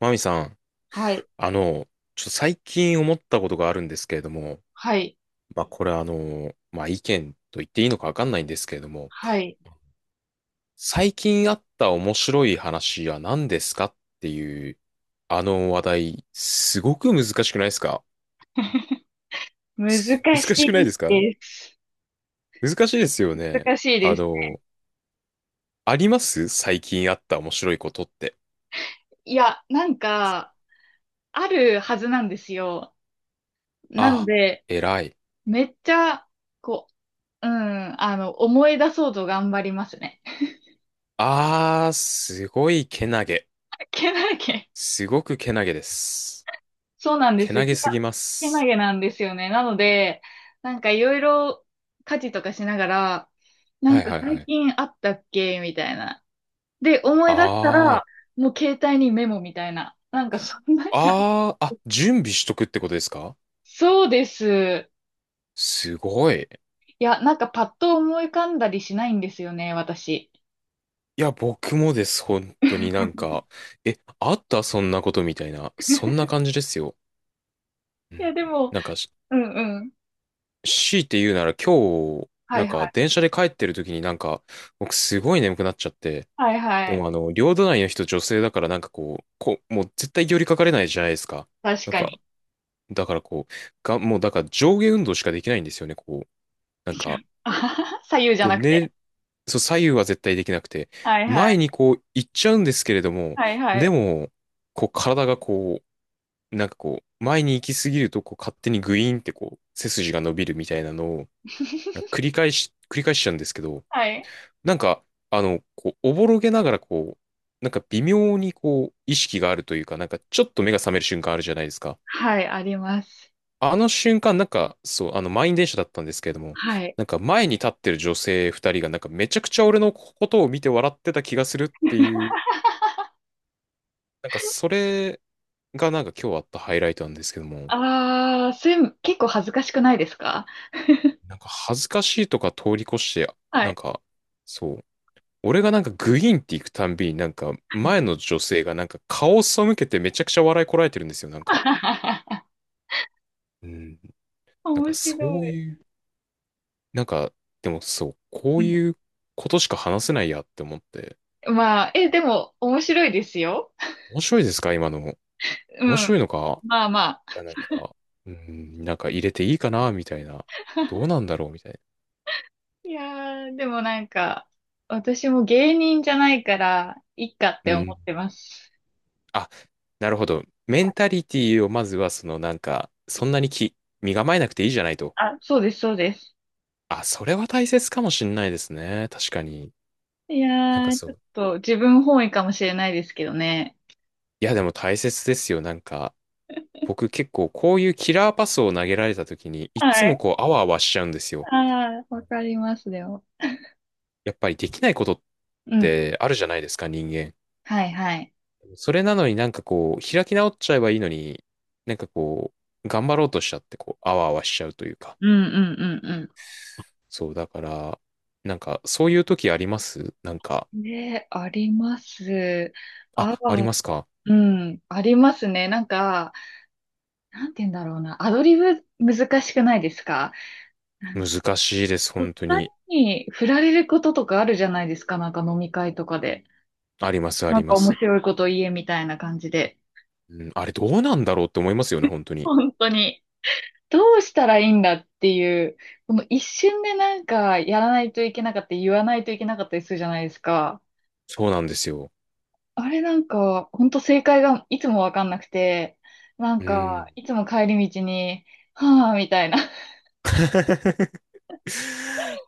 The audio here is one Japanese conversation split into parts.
マミさん、はい、あの、ちょっと最近思ったことがあるんですけれども、はい、これまあ意見と言っていいのかわかんないんですけれども、はい。最近あった面白い話は何ですかっていう、あの話題、すごく難しくないですか？ 難し難しいくないですか？です。難しいですよね。難しいあです。の、あります？最近あった面白いことって。いや、なんか、あるはずなんですよ。なのあ、で、偉い。めっちゃ、こう、思い出そうと頑張りますね。あー、すごいけなげ。けなげ。すごくけなげです。そうなんです。けなげすぎまけなす。げなんですよね。なので、なんかいろいろ家事とかしながら、なはんいかはい最はい。近あったっけみたいな。で、思い出したあら、もう携帯にメモみたいな。なんかそんな感じ。あ、ああ、あ、準備しとくってことですか？そうです。すごい。いや、なんかパッと思い浮かんだりしないんですよね、私。いや、僕もです、本当にえ、あったそんなことみたいな、そんな感じですよ。ういや、ん。でも、なんか、しうんうん。強いて言うなら今日、はいはい。電車で帰ってる時に僕すごい眠くなっちゃって、はいはでい。も両隣の人女性だからなんかこう、こう、もう絶対寄りかかれないじゃないですか。確なんかか、に。だからこう、が、もうだから上下運動しかできないんですよね、こう。なんか、あはは左右じゃこうなくて。寝、そう、左右は絶対できなくて、はいは前い。にこう行っちゃうんですけれども、はいはでい。も、こう体がこう、なんかこう、前に行き過ぎるとこう勝手にグイーンってこう、背筋が伸びるみたいなのを繰り返しちゃうんですけど、はい。なんか、こう、おぼろげながらこう、なんか微妙にこう、意識があるというか、なんかちょっと目が覚める瞬間あるじゃないですか。はい、あります。あの瞬間、満員電車だったんですけれども、はい。なんか前に立ってる女性二人が、なんかめちゃくちゃ俺のことを見て笑ってた気がするってい う、なんかそれがなんか今日あったハイライトなんですけども、あー、そう結構恥ずかしくないですか？なんか恥ずかしいとか通り越して、はなんい。か、そう、俺がなんかグイーンって行くたんびに、なんか前の女性がなんか顔を背けてめちゃくちゃ笑いこらえてるんですよ、なんか。うん、なんか面白そうい。いう、なんか、でもそう、こうういうことしか話せないやって思って、んまあ、でも面白いですよ。面白いですか今の？う面ん。白いのか？まあまあ。いや、なんか、うん、なんか入れていいかなみたいな。どうなんだろうみたいいやー、でもなんか、私も芸人じゃないから、いっかっな。うて思ん。ってます。あ、なるほど。メンタリティをまずは、そのなんか、そんなにき、身構えなくていいじゃないと。あ、そうです、そうです。あ、それは大切かもしんないですね。確かに。いなんやかー、そちょっう。と自分本位かもしれないですけどね。いや、でも大切ですよ。なんか、僕結構こういうキラーパスを投げられた時に、いっつはもい。こう、あわあわしちゃうんですよ。ああ、わかります、でも。やっぱりできないことっうん。てあるじゃないですか、人間。はい、はい。それなのになんかこう、開き直っちゃえばいいのに、なんかこ頑張ろうとしちゃって、こう、あわあわしちゃうというか。うんうんうんそう、だから、なんか、そういう時ありますなんか、うん。ね、あります。ああ、ありあ、ますか？うん、ありますね。なんか、なんて言うんだろうな。アドリブ難しくないですか？難しいです、お二本当に。人に振られることとかあるじゃないですか、なんか飲み会とかで。あります、あなりんかま面す。白いこと言えみたいな感じで。うん、あれどうなんだろうって思いますよね、本当に。本当に。どうしたらいいんだっていう、この一瞬でなんかやらないといけなかったり、言わないといけなかったりするじゃないですか。そうなんですよ。あれなんか、本当正解がいつもわかんなくて、なんうか、ん。いつも帰り道に、はぁ、みたいな。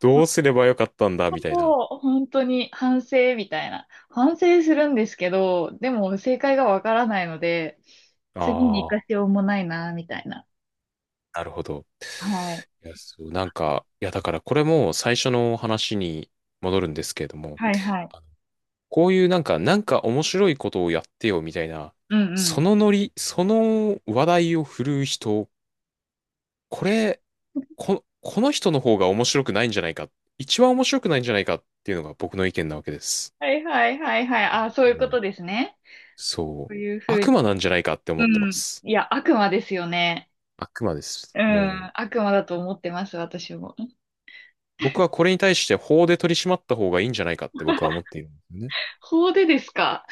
どうすればよかったんだ、みたいな。そう、本当に反省みたいな。反省するんですけど、でも正解がわからないので、あ次に活かあ。しようもないな、みたいな。なるほど。はい。だからこれも最初の話に戻るんですけれども、はいはい。あのこういうなんか面白いことをやってよみたいな、うんうそん。のノリ、その話題を振るう人、これ、こ、この人の方が面白くないんじゃないか、一番面白くないんじゃないかっていうのが僕の意見なわけです。はいはいはいはい。あ、そうでいうこも、とですね。そそう。ういうふう悪に。魔なんじゃないかって思うってまん。す。いや、悪魔ですよね。悪魔です。うもん。う、悪魔だと思ってます、私も。僕はこれに対して法で取り締まった方がいいんじゃないかって僕は思 っている。ね？法でですか？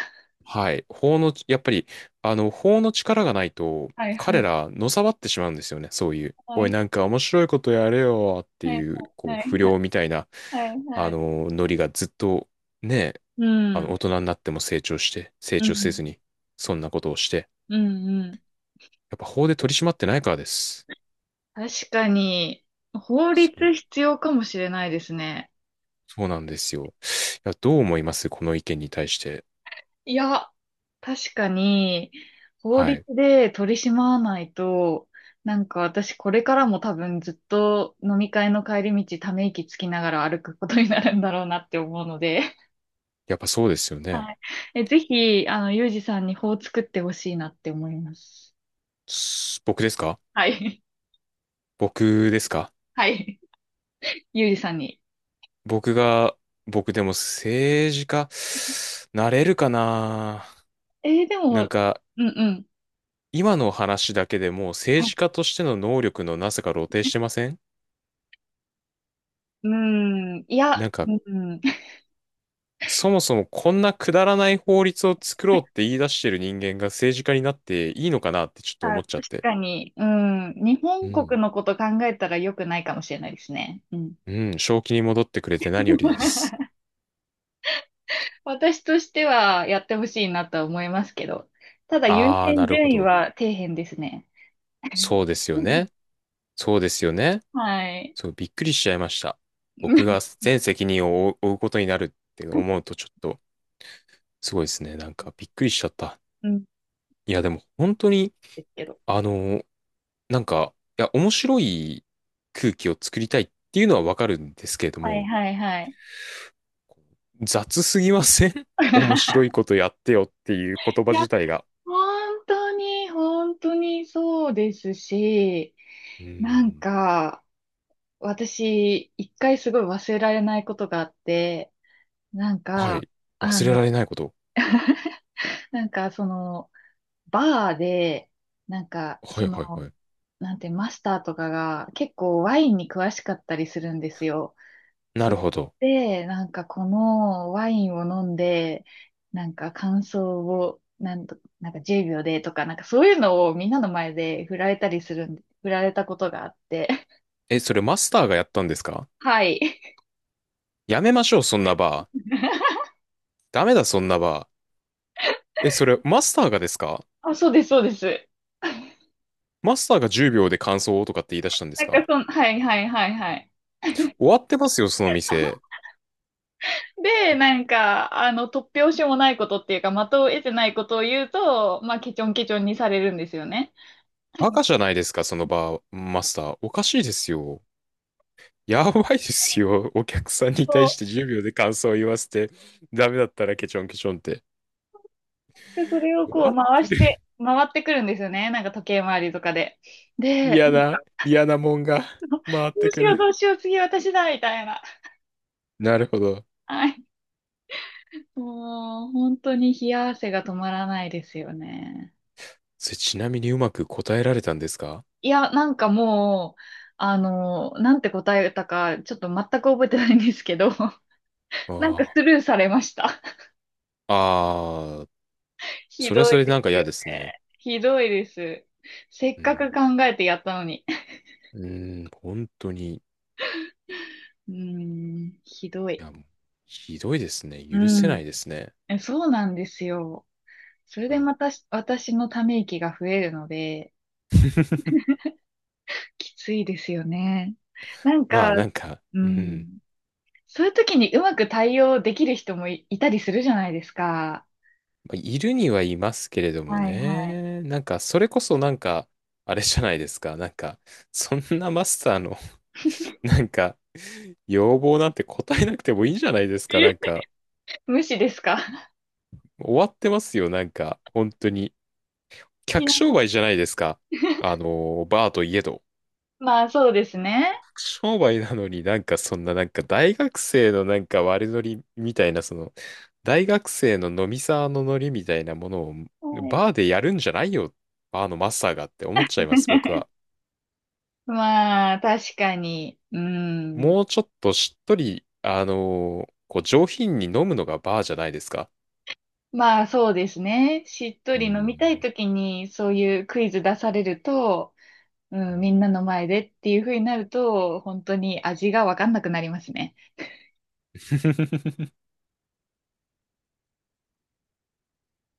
はい。法の、やっぱり、あの、法の力がないと、はいは彼いら、のさばってしまうんですよね。そういう、はおい、い。なんか面白いことやれよってはいいう、こう、はい不は良いみたいな、はいはい。あはいの、ノリがずっと、ね、うあの、ん。大人になっても成う長せん。ずに、そんなことをして、うんうん。やっぱ法で取り締まってないからです。確かに、法そ律う、必要かもしれないですね。そうなんですよ。いや、どう思いますこの意見に対して。いや、確かに、法は律い。で取り締まわないと、なんか私これからも多分ずっと飲み会の帰り道ため息つきながら歩くことになるんだろうなって思うので、やっぱそうですよね。はい。え、ぜひ、ゆうじさんに法を作ってほしいなって思います。僕ですか？はい。僕ですか？ はい。ゆうじさんに。僕が、僕でも政治家、なれるかな？でなんも、か、うんうん。今の話だけでもうは政い。治家としての能力のなさが露呈してません？うん。いや、なんか、うん。そもそもこんなくだらない法律を作ろうって言い出してる人間が政治家になっていいのかなってちょっと思あ、っちゃっ確て。かに、うん。日う本国ん。のこと考えたら良くないかもしれないですね。うん。うん、正気に戻ってくれて何よりです。私としてはやってほしいなとは思いますけど、ただ優あー、先なるほ順位ど。は底辺ですね。そうですよね。そうですよね。はい。そう、びっくりしちゃいました。僕が 全責任を負うことになるって思うとちょっとすごいですね。なんかびっくりしちゃった。うん。いや、でも本当に、ですけど。あの、面白い空気を作りたいっていうのはわかるんですけれどはいも、はいはい。雑すぎません？ 面白いことやってよっていう言い葉や、自体が。本当に、本当にそうですし、うなんーん。か、私、一回すごい忘れられないことがあって、なんはか、い。あ忘れらの、れないこと。なんかその、バーで、なんか、はそいの、はいはい。なんて、マスターとかが結構ワインに詳しかったりするんですよ。なそるほど。れで、なんかこのワインを飲んで、なんか感想を、なんか10秒でとか、なんかそういうのをみんなの前で振られたことがあって。え、それマスターがやったんですか？はい。やめましょう、そんなバー。ダメだ、そんなバー。え、それマスターがですか？あ、そうです、そうです。マスターが10秒で感想をとかって言い出したんですなんかか？そん、はいはいはいはい。終わってますよ、その店。で、なんか、突拍子もないことっていうか、的を得てないことを言うと、まあ、ケチョンケチョンにされるんですよね。赤じゃないですか、そのバーマスター。おかしいですよ。やばいですよ。お客さんにそ対して10秒で感想を言わせて、ダメだったらケチョンケチョンって。う。で、それを終こわうっ回てしる。て、回ってくるんですよね。なんか時計回りとかで。で、嫌なんかな、嫌なもんが回っどうてしくようどうる。しよう、次私だ、みたいな。なるほど。はい。もう、本当に冷や汗が止まらないですよね。それちなみにうまく答えられたんですか？いや、なんかもう、なんて答えたか、ちょっと全く覚えてないんですけど、なんかあスルーされました。あ。ああ、ひそれはどそいれででなんかす嫌よですね。ね。ひどいです。せっうかくん。考えてやったのに。うん、本当に。いうーん、ひどい。や、もうひどいですね。う許せなん。いですね。そうなんですよ。それであまたし私のため息が増えるので、ー きついですよね。なんまか、あなんか、ううん。ん。そういう時にうまく対応できる人もいたりするじゃないですか。まあいるにはいますけれどもはいはい。ね。なんか、それこそなんか、あれじゃないですか。なんか、そんなマスターの、なんか、要望なんて答えなくてもいいじゃないですか。なんか、無視ですか？終わってますよ。なんか、本当に。い客や 商売じゃないですか。あ の、バーといえど。まあそうですね。客商売なのになんか、そんななんか、大学生のなんか悪ノリみたいな、その、大学生の飲み沢のノリみたいなものを、はい バーでやるんじゃないよ。バーのマスターがって思っちゃいます、僕は。まあ確かに。うん。もうちょっとしっとり、あのーこう上品に飲むのがバーじゃないですか。まあそうですね。しっとうり飲みたいん。ときにそういうクイズ出されると、ううん、みん んなの前でっていう風になると、本当に味がわかんなくなりますね。